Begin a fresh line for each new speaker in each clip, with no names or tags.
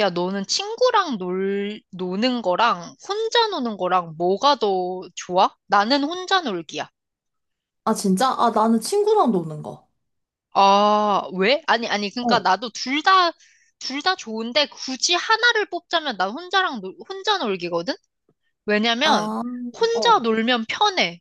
야, 너는 친구랑 노는 거랑 혼자 노는 거랑 뭐가 더 좋아? 나는 혼자 놀기야.
아, 진짜? 아, 나는 친구랑 노는 거.
아, 왜? 아니, 아니, 그러니까
어,
나도 둘 다, 둘 다 좋은데 굳이 하나를 뽑자면 난 혼자 놀기거든? 왜냐면
아,
혼자
어,
놀면 편해.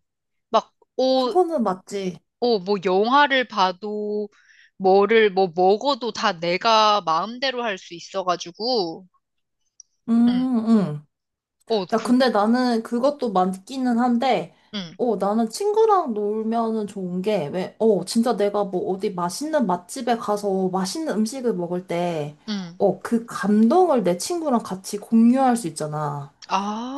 막,
그거는 맞지.
뭐 영화를 봐도 뭐 먹어도 다 내가 마음대로 할 수 있어가지고. 응,
음, 음.
어,
야,
그,
근데 나는 그것도 맞기는 한데,
응,
나는 친구랑 놀면은 좋은 게, 왜, 진짜 내가 뭐 어디 맛있는 맛집에 가서 맛있는 음식을 먹을 때,
응.
그 감동을 내 친구랑 같이 공유할 수 있잖아.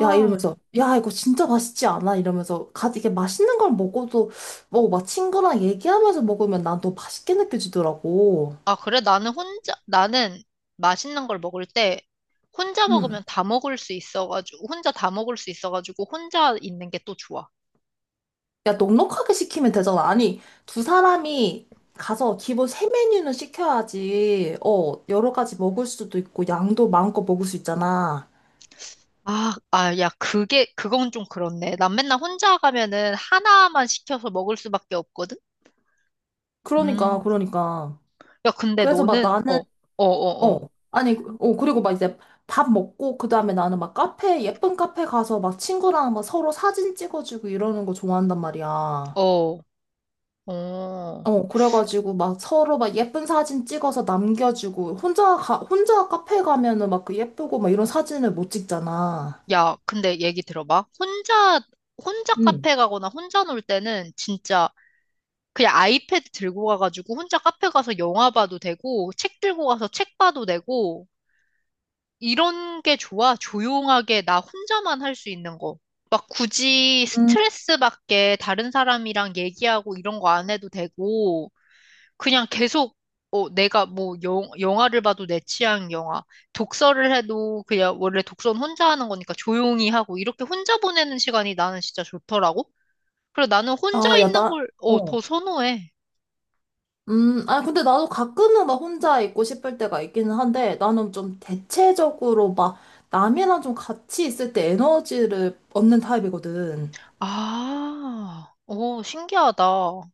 야, 이러면서, 야, 이거 진짜 맛있지 않아? 이러면서, 이게 맛있는 걸 먹어도, 뭐, 막 친구랑 얘기하면서 먹으면 난 더 맛있게 느껴지더라고.
아, 그래? 나는 맛있는 걸 먹을 때 혼자
음.
먹으면 다 먹을 수 있어가지고, 혼자 다 먹을 수 있어가지고, 혼자 있는 게 또 좋아.
야, 넉넉하게 시키면 되잖아. 아니, 두 사람이 가서 기본 세 메뉴는 시켜야지, 여러 가지 먹을 수도 있고, 양도 마음껏 먹을 수 있잖아.
야, 그건 좀 그렇네. 난 맨날 혼자 가면은 하나만 시켜서 먹을 수밖에 없거든?
그러니까,
음.
그러니까.
야, 근데
그래서 막
너는.
나는, 어.
어,
아니, 그리고 막 이제 밥 먹고, 그 다음에 나는 막 카페, 예쁜 카페 가서 막 친구랑 막 서로 사진 찍어주고 이러는 거 좋아한단 말이야.
어, 어, 어.
그래가지고 막 서로 막 예쁜 사진 찍어서 남겨주고, 혼자 카페 가면은 막 그 예쁘고 막 이런 사진을 못 찍잖아.
야, 근데 얘기 들어봐. 혼자
응.
카페 가거나 혼자 놀 때는 진짜 그냥 아이패드 들고 가가지고 혼자 카페 가서 영화 봐도 되고, 책 들고 가서 책 봐도 되고, 이런 게 좋아. 조용하게 나 혼자만 할 수 있는 거. 막 굳이
음,
스트레스 받게 다른 사람이랑 얘기하고 이런 거 안 해도 되고, 그냥 계속, 내가 뭐 영화를 봐도 내 취향 영화, 독서를 해도 그냥 원래 독서는 혼자 하는 거니까 조용히 하고, 이렇게 혼자 보내는 시간이 나는 진짜 좋더라고. 그리고 나는
아,
혼자
야,
있는
나,
걸,
어.
더 선호해.
근데 나도 가끔은 막 혼자 있고 싶을 때가 있기는 한데, 나는 좀 대체적으로 막 남이랑 좀 같이 있을 때 에너지를 얻는 타입이거든.
아, 오, 신기하다.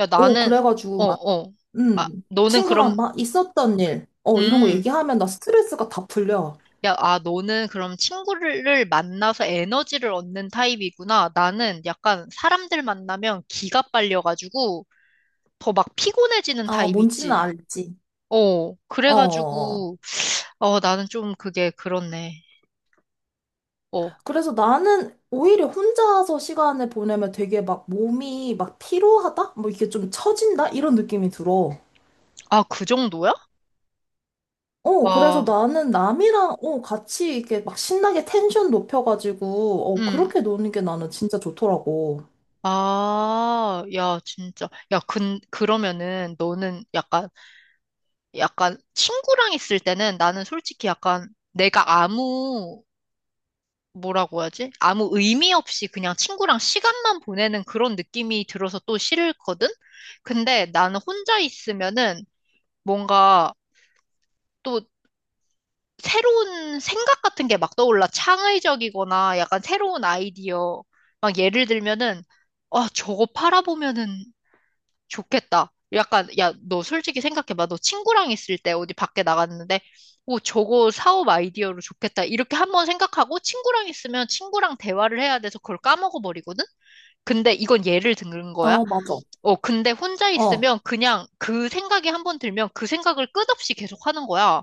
야. 나는,
그래가지고
어,
막,
어. 아, 너는
친구랑
그럼,
막 있었던 일, 이런 거
음,
얘기하면 나 스트레스가 다 풀려.
너는 그럼 친구를 만나서 에너지를 얻는 타입이구나. 나는 약간 사람들 만나면 기가 빨려가지고 더 막 피곤해지는
아,
타입
뭔지는
있지.
알지. 어, 어, 어.
그래가지고, 나는 좀 그게 그렇네. 어,
그래서 나는 오히려 혼자서 시간을 보내면 되게 막 몸이 막 피로하다? 뭐 이게 좀 처진다? 이런 느낌이 들어.
아, 그 정도야?
그래서
와,
나는 남이랑, 같이 이렇게 막 신나게 텐션 높여가지고,
음.
그렇게 노는 게 나는 진짜 좋더라고.
아, 야, 진짜. 야, 그러면은 너는 약간 친구랑 있을 때는 나는 솔직히 약간 내가 아무 뭐라고 해야지? 아무 의미 없이 그냥 친구랑 시간만 보내는 그런 느낌이 들어서 또 싫거든? 근데 나는 혼자 있으면은 뭔가 또 새로운 생각 같은 게 막 떠올라. 창의적이거나 약간 새로운 아이디어. 막 예를 들면은, 아, 저거 팔아보면은 좋겠다. 약간, 야, 너 솔직히 생각해봐. 너 친구랑 있을 때 어디 밖에 나갔는데, 오, 저거 사업 아이디어로 좋겠다. 이렇게 한번 생각하고 친구랑 있으면 친구랑 대화를 해야 돼서 그걸 까먹어버리거든? 근데 이건 예를 든 거야.
어, 맞아.
근데 혼자
어.
있으면 그냥 그 생각이 한번 들면 그 생각을 끝없이 계속 하는 거야.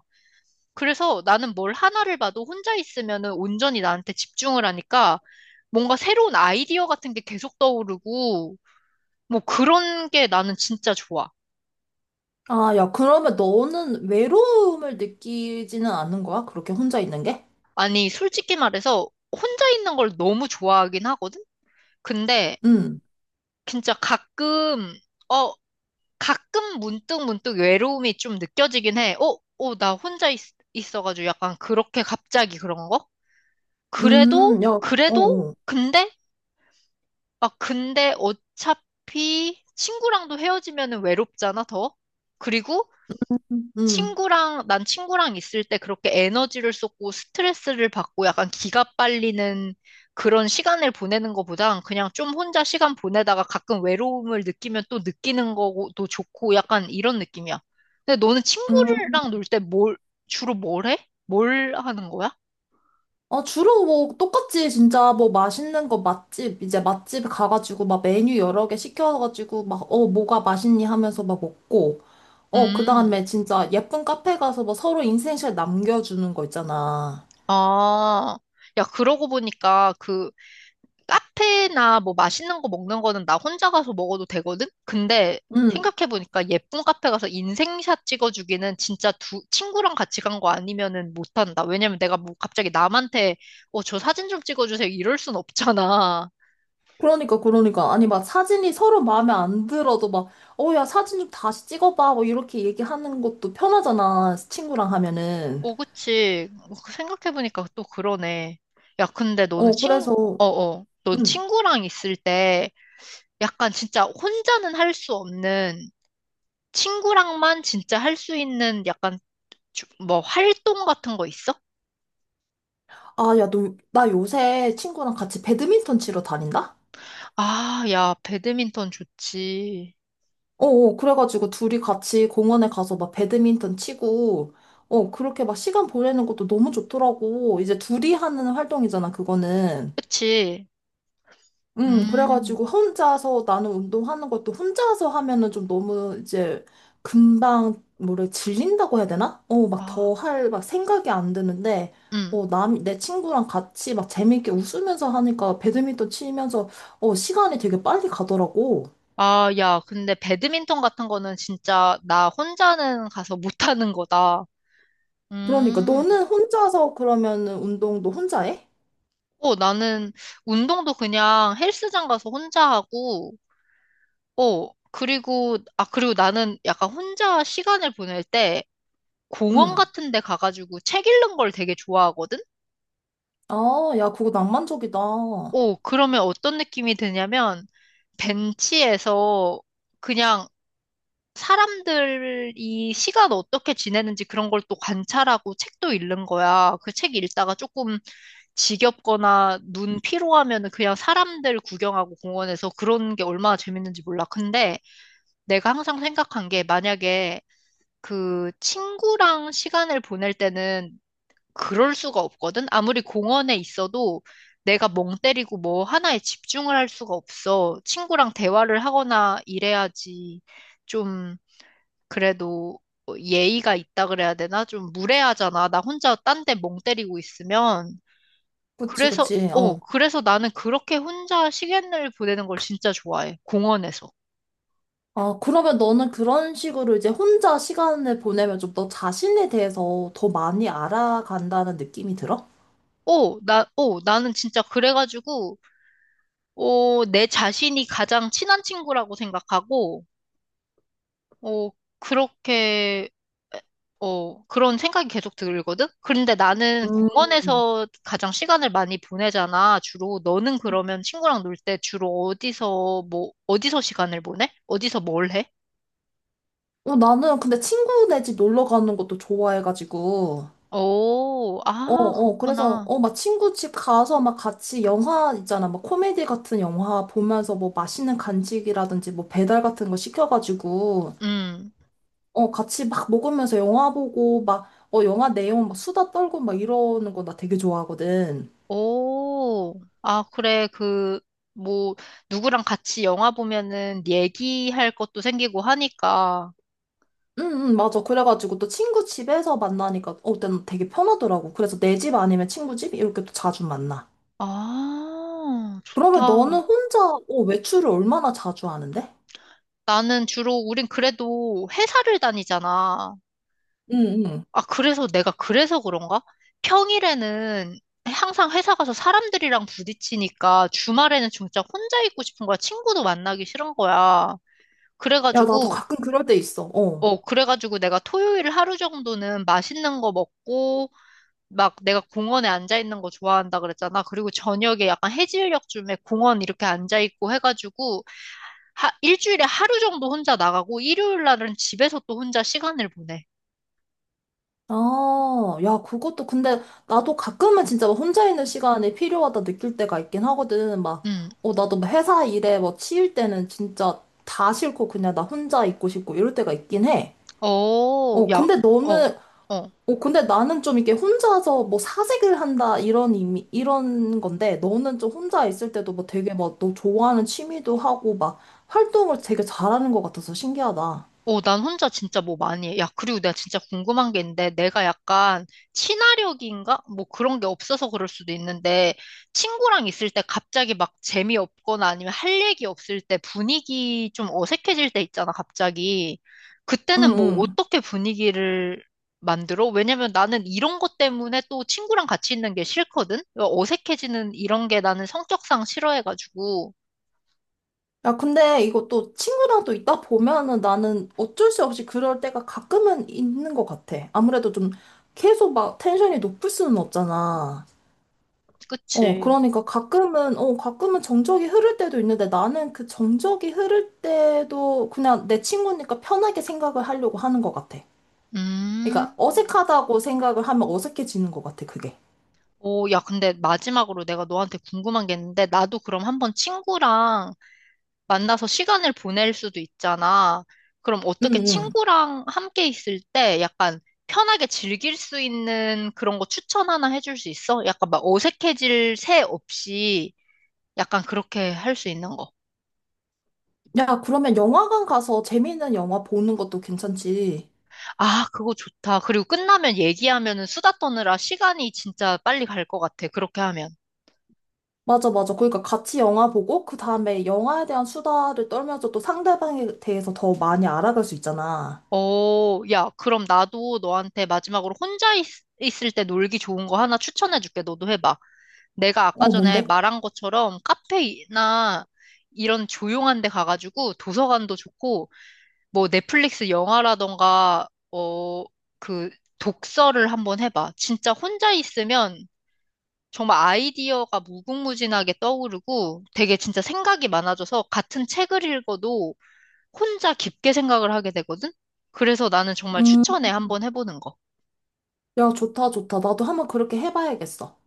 그래서 나는 뭘 하나를 봐도 혼자 있으면은 온전히 나한테 집중을 하니까 뭔가 새로운 아이디어 같은 게 계속 떠오르고, 뭐 그런 게 나는 진짜 좋아.
아, 야, 그러면 너는 외로움을 느끼지는 않는 거야? 그렇게 혼자 있는 게?
아니, 솔직히 말해서 혼자 있는 걸 너무 좋아하긴 하거든? 근데
응,
진짜 어, 가끔 문득 문득 외로움이 좀 느껴지긴 해. 나 혼자 있어가지고 약간 그렇게 갑자기 그런 거? 그래도,
야, 어,
그래도,
어,
근데, 아, 근데 어차피 친구랑도 헤어지면 외롭잖아, 더? 그리고
음,
난 친구랑 있을 때 그렇게 에너지를 쏟고 스트레스를 받고 약간 기가 빨리는 그런 시간을 보내는 것보단 그냥 좀 혼자 시간 보내다가 가끔 외로움을 느끼면 또 느끼는 거고 또 좋고 약간 이런 느낌이야. 근데 너는
음.
친구랑 놀 때 주로 뭘 해? 뭘 하는 거야?
아 주로 뭐, 똑같지, 진짜. 뭐, 맛있는 거 맛집, 이제 맛집 가가지고, 막 메뉴 여러 개 시켜가지고, 막, 뭐가 맛있니 하면서 막 먹고, 그
음,
다음에 진짜 예쁜 카페 가서 뭐 서로 인생샷 남겨주는 거 있잖아.
아, 야, 그러고 보니까 그 카페나 뭐 맛있는 거 먹는 거는 나 혼자 가서 먹어도 되거든? 근데
응,
생각해보니까 예쁜 카페 가서 인생샷 찍어주기는 진짜 친구랑 같이 간 거 아니면은 못한다. 왜냐면 내가 뭐 갑자기 남한테, 저 사진 좀 찍어주세요. 이럴 순 없잖아.
그러니까, 그러니까. 아니, 막 사진이 서로 마음에 안 들어도 막, 야, 사진 좀 다시 찍어봐. 뭐 이렇게 얘기하는 것도 편하잖아. 친구랑 하면은.
그치. 그 생각해보니까 또 그러네. 야, 근데 너는.
어,
친, 어,
그래서,
어. 넌
응.
친구랑 있을 때 약간 진짜 혼자는 할 수 없는 친구랑만 진짜 할 수 있는 약간 뭐 활동 같은 거 있어?
아, 야, 너, 나 요새 친구랑 같이 배드민턴 치러 다닌다?
아, 야, 배드민턴 좋지.
어, 어, 그래가지고 둘이 같이 공원에 가서 막 배드민턴 치고, 그렇게 막 시간 보내는 것도 너무 좋더라고. 이제 둘이 하는 활동이잖아, 그거는.
그치? 음,
그래가지고 혼자서 나는 운동하는 것도 혼자서 하면은 좀 너무 이제 금방 뭐래 질린다고 해야 되나? 막
아,
더 할 막 생각이 안 드는데
음.
내 친구랑 같이 막 재밌게 웃으면서 하니까 배드민턴 치면서 시간이 되게 빨리 가더라고.
아, 야, 근데 배드민턴 같은 거는 진짜 나 혼자는 가서 못하는 거다.
그러니까
음.
너는 혼자서 그러면은 운동도 혼자 해?
나는 운동도 그냥 헬스장 가서 혼자 하고, 그리고 나는 약간 혼자 시간을 보낼 때 공원
응.
같은 데 가가지고 책 읽는 걸 되게 좋아하거든?
아, 야, 그거 낭만적이다.
오, 그러면 어떤 느낌이 드냐면, 벤치에서 그냥 사람들이 시간 어떻게 지내는지 그런 걸 또 관찰하고 책도 읽는 거야. 그 책 읽다가 조금 지겹거나 눈 피로하면은 그냥 사람들 구경하고 공원에서 그런 게 얼마나 재밌는지 몰라. 근데 내가 항상 생각한 게 만약에 그 친구랑 시간을 보낼 때는 그럴 수가 없거든. 아무리 공원에 있어도 내가 멍 때리고 뭐 하나에 집중을 할 수가 없어. 친구랑 대화를 하거나 이래야지 좀 그래도 예의가 있다 그래야 되나? 좀 무례하잖아. 나 혼자 딴데 멍 때리고 있으면.
그치,
그래서,
그치.
어,
어.
그래서 나는 그렇게 혼자 시간을 보내는 걸 진짜 좋아해. 공원에서.
아, 그러면 너는 그런 식으로 이제 혼자 시간을 보내면 좀 너 자신에 대해서 더 많이 알아간다는 느낌이 들어?
나는 진짜 그래가지고, 내 자신이 가장 친한 친구라고 생각하고, 어, 그렇게, 그런 생각이 계속 들거든? 그런데 나는
음.
공원에서 가장 시간을 많이 보내잖아, 주로. 너는 그러면 친구랑 놀 때 주로 어디서 시간을 보내? 어디서 뭘 해?
나는 근데 친구네 집 놀러 가는 것도 좋아해가지고.
오,
어,
아,
어, 그래서,
그렇구나.
막 친구 집 가서 막 같이 영화 있잖아. 막 코미디 같은 영화 보면서 뭐 맛있는 간식이라든지 뭐 배달 같은 거 시켜가지고,
음,
같이 막 먹으면서 영화 보고 막, 영화 내용 막 수다 떨고 막 이러는 거 나 되게 좋아하거든.
오, 아, 그래, 뭐, 누구랑 같이 영화 보면은 얘기할 것도 생기고 하니까.
응, 응, 맞아. 그래가지고 또 친구 집에서 만나니까, 때는 되게 편하더라고. 그래서 내 집 아니면 친구 집? 이렇게 또 자주 만나.
아,
그러면 너는
좋다.
혼자, 외출을 얼마나 자주 하는데?
우린 그래도 회사를 다니잖아.
응, 응.
아, 그래서 내가 그래서 그런가? 평일에는 항상 회사 가서 사람들이랑 부딪히니까 주말에는 진짜 혼자 있고 싶은 거야. 친구도 만나기 싫은 거야.
야, 나도
그래가지고,
가끔 그럴 때 있어. 어.
그래가지고 내가 토요일 하루 정도는 맛있는 거 먹고, 막 내가 공원에 앉아 있는 거 좋아한다 그랬잖아. 그리고 저녁에 약간 해질녘쯤에 공원 이렇게 앉아 있고 해가지고, 하, 일주일에 하루 정도 혼자 나가고 일요일 날은 집에서 또 혼자 시간을 보내.
아, 야, 그것도 근데 나도 가끔은 진짜 막 혼자 있는 시간이 필요하다 느낄 때가 있긴 하거든. 막,
음.
나도 막 회사 일에 뭐 치일 때는 진짜 다 싫고 그냥 나 혼자 있고 싶고 이럴 때가 있긴 해.
어, 야,
근데
어,
너는
어.
근데 나는 좀 이렇게 혼자서 뭐 사색을 한다 이런 의미, 이런 건데 너는 좀 혼자 있을 때도 뭐 되게 막 너 좋아하는 취미도 하고 막 활동을 되게 잘하는 것 같아서 신기하다.
난 혼자 진짜 뭐 많이 해. 야, 그리고 내가 진짜 궁금한 게 있는데, 내가 약간 친화력인가? 뭐 그런 게 없어서 그럴 수도 있는데, 친구랑 있을 때 갑자기 막 재미없거나 아니면 할 얘기 없을 때 분위기 좀 어색해질 때 있잖아, 갑자기.
응,
그때는 뭐
응.
어떻게 분위기를 만들어? 왜냐면 나는 이런 것 때문에 또 친구랑 같이 있는 게 싫거든? 어색해지는 이런 게 나는 성격상 싫어해가지고.
야, 근데 이것도 친구랑 또 있다 보면은 나는 어쩔 수 없이 그럴 때가 가끔은 있는 것 같아. 아무래도 좀 계속 막 텐션이 높을 수는 없잖아.
그치.
그러니까 가끔은, 가끔은 정적이 흐를 때도 있는데 나는 그 정적이 흐를 때도 그냥 내 친구니까 편하게 생각을 하려고 하는 것 같아. 그러니까
음.
어색하다고 생각을 하면 어색해지는 것 같아, 그게.
오, 야, 근데 마지막으로 내가 너한테 궁금한 게 있는데, 나도 그럼 한번 친구랑 만나서 시간을 보낼 수도 있잖아. 그럼
응,
어떻게
응.
친구랑 함께 있을 때 약간 편하게 즐길 수 있는 그런 거 추천 하나 해줄 수 있어? 약간 막 어색해질 새 없이 약간 그렇게 할 수 있는 거.
야, 그러면 영화관 가서 재미있는 영화 보는 것도 괜찮지.
아, 그거 좋다. 그리고 끝나면 얘기하면은 수다 떠느라 시간이 진짜 빨리 갈 것 같아. 그렇게 하면.
맞아, 맞아. 그러니까 같이 영화 보고 그 다음에 영화에 대한 수다를 떨면서 또 상대방에 대해서 더 많이 알아갈 수 있잖아.
야, 그럼 나도 너한테 마지막으로 혼자 을때 놀기 좋은 거 하나 추천해줄게. 너도 해봐. 내가 아까
어,
전에
뭔데?
말한 것처럼 카페나 이런 조용한 데 가가지고 도서관도 좋고, 뭐 넷플릭스 영화라던가, 그 독서를 한번 해봐. 진짜 혼자 있으면 정말 아이디어가 무궁무진하게 떠오르고 되게 진짜 생각이 많아져서 같은 책을 읽어도 혼자 깊게 생각을 하게 되거든? 그래서 나는 정말
음,
추천해. 한번 해보는 거.
야, 좋다, 좋다. 나도 한번 그렇게 해봐야겠어.